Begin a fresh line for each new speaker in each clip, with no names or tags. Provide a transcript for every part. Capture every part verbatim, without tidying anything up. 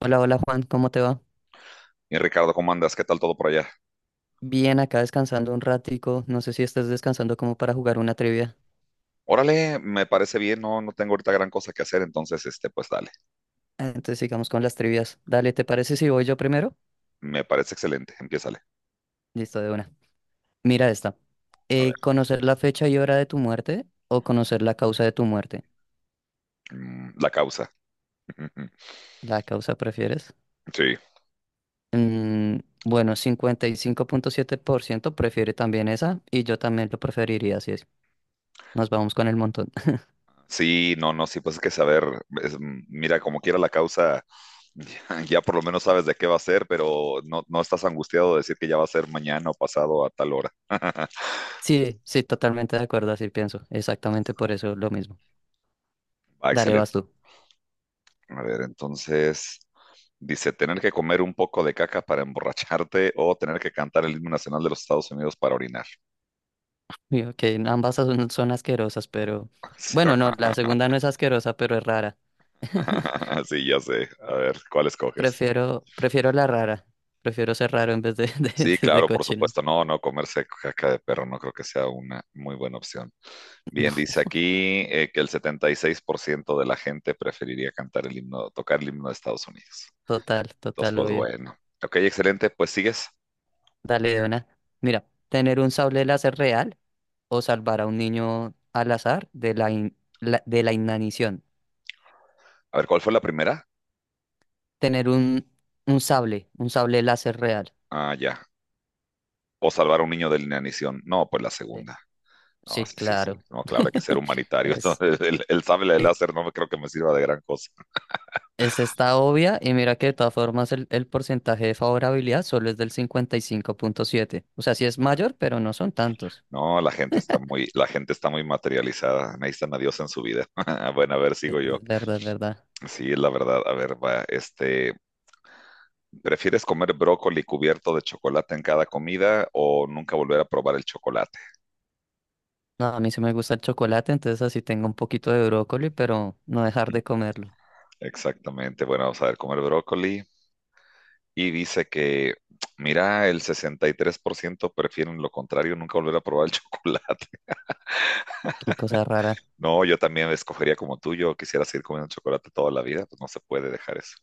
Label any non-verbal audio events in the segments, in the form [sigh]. Hola, hola Juan, ¿cómo te va?
Y Ricardo, ¿cómo andas? ¿Qué tal todo por allá?
Bien, acá descansando un ratico. No sé si estás descansando como para jugar una trivia.
Órale, me parece bien, no, no tengo ahorita gran cosa que hacer, entonces, este, pues dale,
Ah, Entonces sigamos con las trivias. Dale, ¿te parece si voy yo primero?
me parece excelente, empiézale.
Listo, de una. Mira esta.
A ver,
Eh, ¿conocer la fecha y hora de tu muerte o conocer la causa de tu muerte?
mm, la causa. [laughs]
¿La causa prefieres?
Sí,
Mm, bueno, cincuenta y cinco punto siete por ciento prefiere también esa y yo también lo preferiría, así es. Nos vamos con el montón. [laughs]
sí, no, no, sí, pues es que saber, es, mm, mira, como quiera la causa, [laughs] ya, por lo menos sabes de qué va a ser, pero no, no estás angustiado de decir que ya va a ser mañana o pasado a tal hora.
Sí, sí, totalmente de acuerdo, así pienso. Exactamente por eso lo mismo.
Ah,
Dale, vas
excelente.
tú.
A ver, entonces, dice, tener que comer un poco de caca para emborracharte o tener que cantar el himno nacional de los Estados Unidos para orinar.
Digo que ambas son, son asquerosas, pero bueno,
[laughs]
no, la segunda no es asquerosa, pero es rara. [laughs]
[laughs] Sí, ya sé. A ver, ¿cuál escoges?
Prefiero, prefiero la rara. Prefiero ser raro en vez de, [laughs] de,
Sí,
de, de
claro, por
cochino.
supuesto. No, no, comerse caca de perro no creo que sea una muy buena opción.
No,
Bien, dice aquí eh, que el setenta y seis por ciento de la gente preferiría cantar el himno, tocar el himno de Estados Unidos.
total,
Entonces,
total,
pues
obvio.
bueno. Ok, excelente. Pues sigues.
Dale de una. Mira, tener un sable láser real o salvar a un niño al azar de la, in- la- de la inanición.
A ver, ¿cuál fue la primera?
Tener un, un sable, un sable láser real.
Ah, ya. O salvar a un niño de la inanición. No, pues la
Sí,
segunda. No,
sí,
sí, sí, sí.
claro.
No, claro, hay que ser humanitario. [laughs]
[laughs]
El, el sable de
Es,
láser no me creo que me sirva de gran cosa.
Esa está obvia y mira que de todas formas el, el porcentaje de favorabilidad solo es del cincuenta y cinco punto siete. O sea, sí es mayor, pero no son tantos.
No, la gente está muy, la gente está muy materializada, necesitan a Dios en su vida. [laughs] Bueno, a ver,
Es
sigo yo.
es verdad, es verdad.
Sí, la verdad, a ver, va, este, ¿prefieres comer brócoli cubierto de chocolate en cada comida o nunca volver a probar el chocolate?
No, a mí sí me gusta el chocolate, entonces así tengo un poquito de brócoli, pero no dejar de comerlo.
Exactamente, bueno, vamos a ver, comer brócoli y dice que, mira, el sesenta y tres por ciento prefieren lo contrario, nunca volver a probar el [laughs] chocolate.
Qué cosa rara.
No, yo también escogería como tú, yo quisiera seguir comiendo chocolate toda la vida, pues no se puede dejar eso.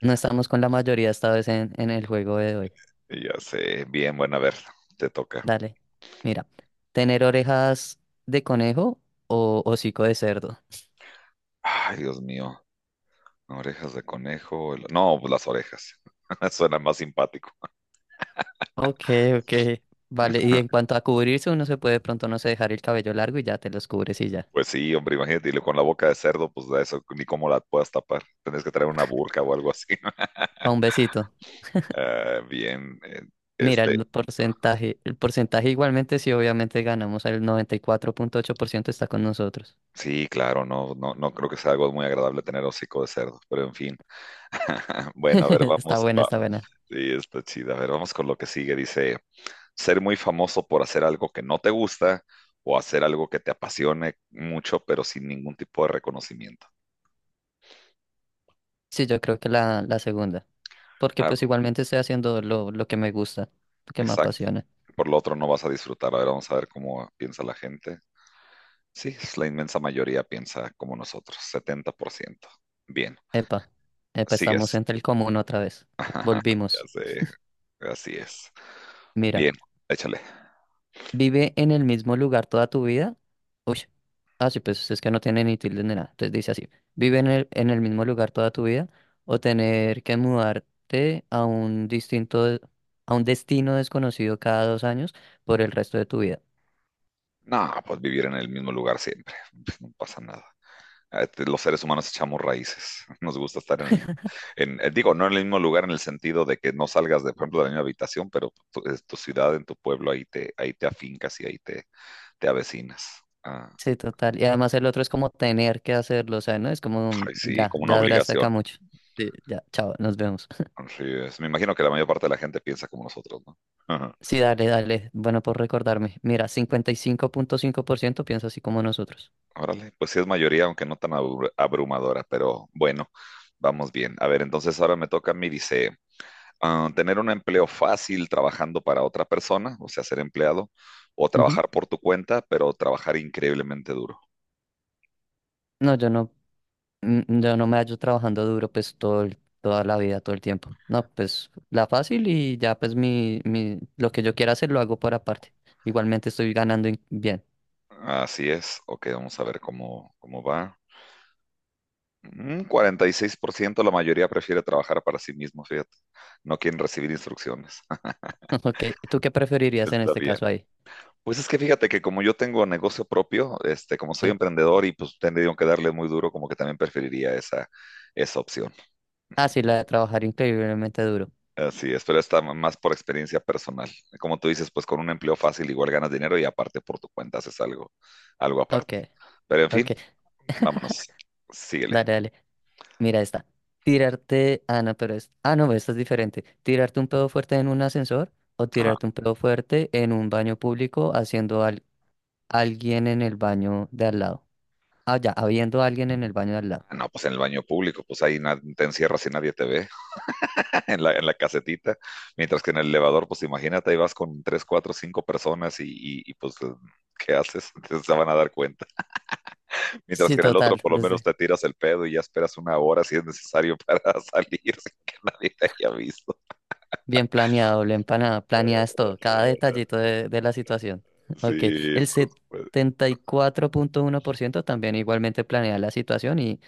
No estamos con la mayoría esta vez en, en el juego de hoy.
Y ya sé, bien, bueno, a ver, te toca.
Dale. Mira, ¿tener orejas de conejo o hocico de cerdo?
Ay, Dios mío, orejas de conejo. el- No, pues las orejas. [laughs] Suena más simpático.
Ok, ok. Vale, y en cuanto a cubrirse, uno se puede de pronto, no sé, dejar el cabello largo y ya te los cubres y ya.
Pues sí, hombre, imagínate, y luego con la boca de cerdo, pues de eso ni cómo la puedas tapar. Tendrías que traer una burka o algo así. [laughs]
Pa' un besito.
Ah, bien, eh,
Mira,
este,
el porcentaje, el porcentaje igualmente sí, obviamente ganamos, el noventa y cuatro punto ocho por ciento está con nosotros.
sí, claro, no, no, no creo que sea algo muy agradable tener hocico de cerdo, pero en fin. [laughs] Bueno, a ver,
[laughs] Está
vamos.
buena,
pa-
está buena.
Sí, está chida. A ver, vamos con lo que sigue. Dice, ser muy famoso por hacer algo que no te gusta o hacer algo que te apasione mucho, pero sin ningún tipo de reconocimiento.
Sí, yo creo que la, la segunda, porque
Ah,
pues igualmente estoy haciendo lo, lo que me gusta, lo que me
exacto.
apasiona.
Por lo otro no vas a disfrutar. A ver, vamos a ver cómo piensa la gente. Sí, es la inmensa mayoría piensa como nosotros, setenta por ciento. Bien,
Epa, epa, estamos
sigues.
entre el común otra vez.
Ya
Volvimos.
sé, así es.
Mira.
Bien, échale.
Vive en el mismo lugar toda tu vida. Uy, ah, sí, pues es que no tiene ni tilde ni nada. Entonces dice así, vive en el, en el mismo lugar toda tu vida o tener que mudarte a un distinto, de- a un destino desconocido cada dos años por el resto de tu vida.
No, pues vivir en el mismo lugar siempre. [laughs] No pasa nada. Eh, te- Los seres humanos echamos raíces. [laughs] Nos gusta estar en el, en- eh, digo, no en el mismo lugar en el sentido de que no salgas, de, por ejemplo, de la misma habitación, pero tu, es tu ciudad, en tu pueblo, ahí te, ahí te afincas y ahí te, te avecinas. Ah,
Sí, total. Y además el otro es como tener que hacerlo, o sea, ¿no? Es como,
ay, sí,
ya,
como una
ya duraste acá
obligación.
mucho. Sí, ya, chao, nos vemos. [laughs]
Así es. Me imagino que la mayor parte de la gente piensa como nosotros, ¿no? Ajá.
Sí, dale, dale. Bueno, por recordarme. Mira, cincuenta y cinco cinco punto cinco por ciento piensa así como nosotros.
Órale, pues sí es mayoría, aunque no tan abru- abrumadora, pero bueno, vamos bien. A ver, entonces ahora me toca a mí, dice, ah, tener un empleo fácil trabajando para otra persona, o sea, ser empleado, o
Ujú.
trabajar por tu cuenta, pero trabajar increíblemente duro.
No, yo no. Mm, yo no me hallo trabajando duro pues todo, el- toda la vida, todo el tiempo. No, pues la fácil y ya pues mi, mi, lo que yo quiera hacer lo hago por aparte. Igualmente estoy ganando in- bien.
Así es. Ok, vamos a ver cómo, cómo va. Un ciento, la mayoría prefiere trabajar para sí mismo, fíjate. No quieren recibir instrucciones.
[laughs] Ok, ¿tú qué
[laughs]
preferirías en
Está
este
bien.
caso ahí?
Pues es que fíjate que como yo tengo negocio propio, este, como soy
Sí.
emprendedor y pues tendría que darle muy duro, como que también preferiría esa, esa opción.
Ah, sí, la de trabajar increíblemente duro.
Así es, pero está más por experiencia personal. Como tú dices, pues con un empleo fácil igual ganas dinero y aparte por tu cuenta haces algo, algo
Ok,
aparte. Pero en
ok,
fin, vámonos, síguele.
dale, dale. Mira esta. Tirarte, ah, no, pero es, ah, no, esta es diferente. Tirarte un pedo fuerte en un ascensor o
Ah,
tirarte un pedo fuerte en un baño público haciendo al, alguien en el baño de al lado. Ah, ya, habiendo alguien en el baño de al lado.
no, pues en el baño público, pues ahí na- te encierras y nadie te ve, [laughs] en la, en la casetita, mientras que en el elevador, pues imagínate, ahí vas con tres, cuatro, cinco personas y, y y, pues, ¿qué haces? [laughs] Entonces se van a dar cuenta. Mientras
Sí,
que en el otro
total,
por lo menos
desde
te tiras el pedo y ya esperas una hora si es necesario para [laughs] salir sin que nadie te haya visto.
bien planeado, bien planeado, planeas todo, cada detallito de, de la situación. [laughs] Ok,
Sí,
el
por supuesto.
setenta y cuatro punto uno por ciento también igualmente planea la situación y,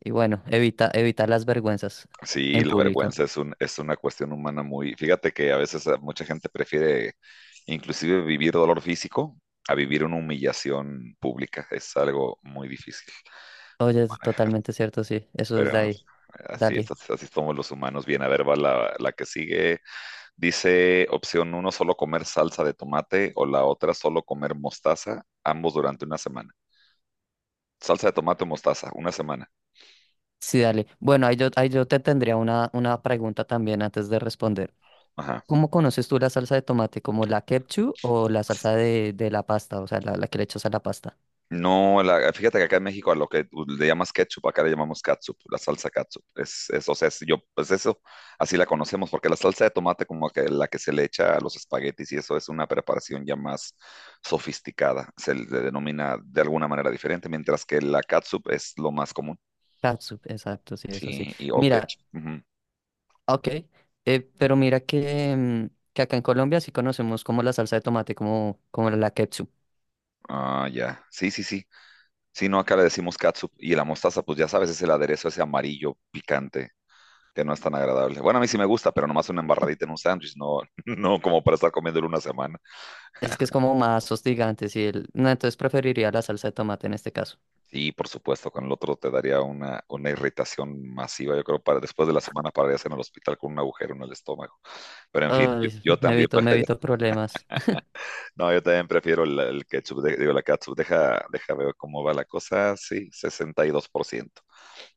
y bueno, evita, evita las vergüenzas
Sí,
en
la
público.
vergüenza es un, es una cuestión humana muy. Fíjate que a veces a mucha gente prefiere inclusive vivir dolor físico a vivir una humillación pública. Es algo muy difícil de
Oye, es
manejar.
totalmente cierto, sí, eso es de
Pero
ahí.
así es,
Dale,
así, así somos los humanos. Bien, a ver, va la, la que sigue. Dice opción uno, solo comer salsa de tomate o la otra, solo comer mostaza, ambos durante una semana. Salsa de tomate o mostaza, una semana.
sí, dale. Bueno, ahí yo, ahí yo te tendría una, una pregunta también antes de responder.
Ajá.
¿Cómo conoces tú la salsa de tomate? ¿Como la ketchup o la salsa de, de la pasta? O sea, la, la que le echas a la pasta.
No, la- fíjate que acá en México a lo que tú le llamas ketchup, acá le llamamos catsup, la salsa catsup. Es, es, o sea, es- yo, pues eso, así la conocemos, porque la salsa de tomate como que la que se le echa a los espaguetis y eso es una preparación ya más sofisticada, se le denomina de alguna manera diferente, mientras que la catsup es lo más común.
Catsup, exacto, sí, eso sí.
Sí, y o
Mira,
ketchup. Ujú.
ok, eh, pero mira que, mm, que acá en Colombia sí conocemos como la salsa de tomate, como, como la ketchup.
Ah, ya. Sí, sí, sí. Sí, no, acá le decimos catsup. Y la mostaza, pues ya sabes, es el aderezo ese amarillo picante que no es tan agradable. Bueno, a mí sí me gusta, pero nomás una embarradita en un sándwich, no, [laughs] no como para estar comiéndolo una semana.
Es que es como más hostigante, sí. el- No, entonces preferiría la salsa de tomate en este caso.
Sí, por supuesto, con el otro te daría una, una irritación masiva. Yo creo para después de la semana pararías en el hospital con un agujero en el estómago. Pero en fin, yo,
Ay,
yo
me
también
evito, me
prefiero,
evito
[laughs]
problemas.
no, yo también prefiero el, el ketchup, de- digo, la catsup. Deja, deja ver cómo va la cosa. Sí, sesenta y dos por ciento,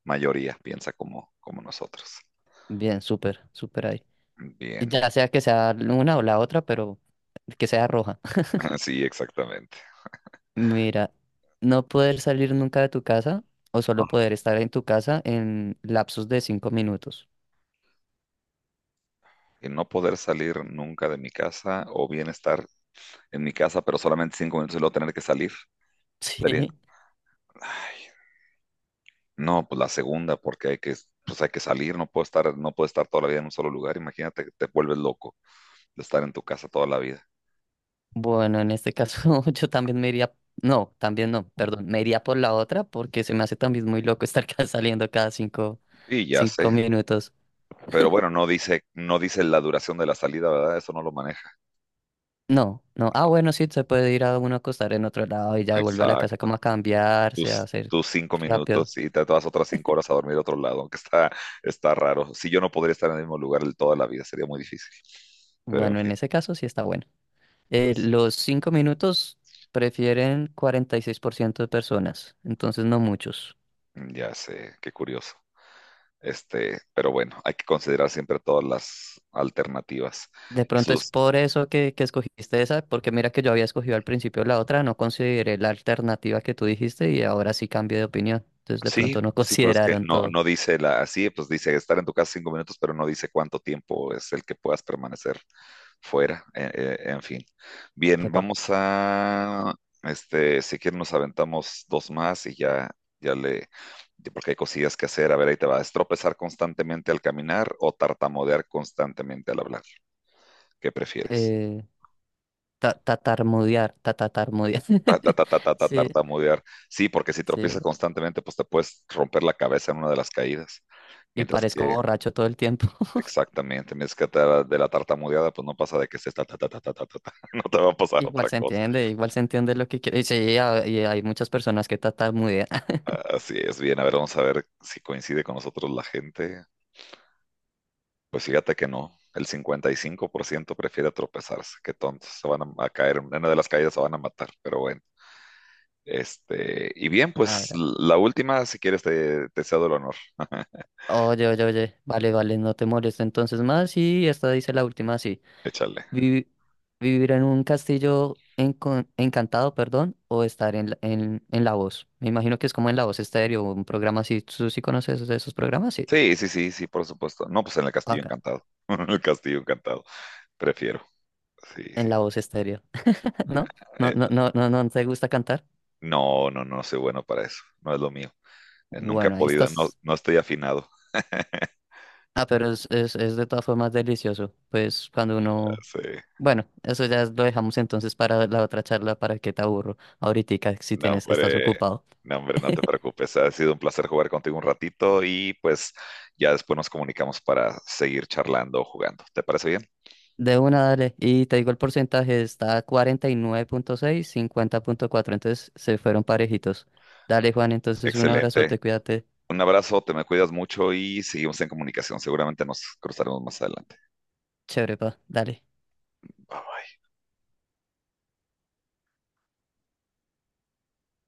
mayoría piensa como, como nosotros.
[laughs] Bien, súper, súper ahí.
Bien,
Ya sea que sea una o la otra, pero que sea roja. [laughs]
[laughs] sí, exactamente.
Mira, no poder salir nunca de tu casa o solo
Ajá.
poder estar en tu casa en lapsos de cinco minutos. [laughs]
Y no poder salir nunca de mi casa o bien estar en mi casa, pero solamente cinco minutos y luego tener que salir. Sería,
Sí.
ay, no, pues la segunda, porque hay que, pues hay que salir, no puedo estar, no puedo estar toda la vida en un solo lugar. Imagínate que te vuelves loco de estar en tu casa toda la vida.
Bueno, en este caso [laughs] yo también me iría, no, también no, perdón, me iría por la otra porque se me hace también muy loco [laughs] estar ca- saliendo cada cinco,
Y ya
cinco
sé,
minutos.
pero bueno, no dice, no dice la duración de la salida, ¿verdad? Eso no lo maneja.
No, no, ah,
No,
bueno, sí, se puede ir a uno a acostar en otro lado y ya vuelve a la casa
exacto.
como a cambiarse, a
tus,
hacer
tus cinco
rápido.
minutos y te vas otras cinco horas a dormir a otro lado, aunque está, está raro. Si yo no podría estar en el mismo lugar toda la vida, sería muy difícil. Pero en
Bueno, en
fin,
ese caso sí está bueno. Eh, los cinco minutos prefieren cuarenta y seis por ciento de personas, entonces no muchos.
ya sé, qué curioso. Este, pero bueno, hay que considerar siempre todas las alternativas
De
y
pronto es
sus.
por eso que, que escogiste esa, porque mira que yo había escogido al principio la otra, no consideré la alternativa que tú dijiste y ahora sí cambié de opinión. Entonces de
Sí,
pronto no [laughs]
sí, pues es que
consideraron
no,
todo.
no dice la, así, pues dice estar en tu casa cinco minutos, pero no dice cuánto tiempo es el que puedas permanecer fuera. Eh, eh, en fin. Bien,
Epa,
vamos a, este, si quieren nos aventamos dos más y ya, ya le, ya- porque hay cosillas que hacer. A ver, ahí te va. ¿Es tropezar constantemente al caminar o tartamudear constantemente al hablar? ¿Qué prefieres?
eh, ta- tatarmudear, ta- tatarmudear.
Ta, ta,
[laughs]
ta, ta, ta, ta,
Sí,
tartamudear. Sí, porque si
sí.
tropiezas constantemente, pues te puedes romper la cabeza en una de las caídas.
Y
Mientras
parezco
que
borracho todo el tiempo. [laughs]
Exactamente, me es que te- de la tartamudeada, pues no pasa de que se está, ta, ta, ta, ta, ta, ta, ta, [laughs] no te va a pasar
Igual
otra
se
cosa.
entiende, igual se entiende lo que quiere. Y sí, a- y hay muchas personas que tatarmudean. [laughs]
Así es, bien, a ver, vamos a ver si coincide con nosotros la gente. Pues fíjate que no, el cincuenta y cinco por ciento prefiere tropezarse, qué tontos, se van a, a caer, en una de las caídas se van a matar, pero bueno. Este, y bien,
A
pues
ver.
la última, si quieres, te, te cedo el honor,
Oye, oye, oye, vale, vale, no te molesta entonces más y esta dice la última, sí.
échale.
Vi- vivir en un castillo encon- encantado, perdón, o estar en, la- en, en La Voz. Me imagino que es como en La Voz Estéreo, un programa así. ¿Tú sí conoces de esos programas? Sí.
Sí, sí, sí, sí, por supuesto. No, pues en el Castillo
Acá,
Encantado, [laughs] en el Castillo Encantado, prefiero. Sí, sí.
en La Voz Estéreo. [laughs] ¿No? ¿No,
Eh,
no, no, no, no te gusta cantar?
No, no, no soy bueno para eso. No es lo mío. Eh, Nunca he
Bueno, ahí
podido, no,
estás.
no estoy afinado. [laughs]
Ah, pero es, es, es de todas formas delicioso. Pues cuando uno...
Sí.
Bueno, eso ya lo dejamos entonces para la otra charla para que te aburro. Ahorita, si
No,
tienes, estás
hombre,
ocupado.
no, hombre, no te preocupes. Ha sido un placer jugar contigo un ratito y pues ya después nos comunicamos para seguir charlando o jugando. ¿Te parece bien?
De una, dale. Y te digo el porcentaje, está cuarenta y nueve punto seis cincuenta punto cuatro. Entonces se fueron parejitos. Dale, Juan, entonces un
Excelente.
abrazote, cuídate.
Un abrazo, te me cuidas mucho y seguimos en comunicación. Seguramente nos cruzaremos más adelante.
Chévere, pa. Dale.
Bye bye.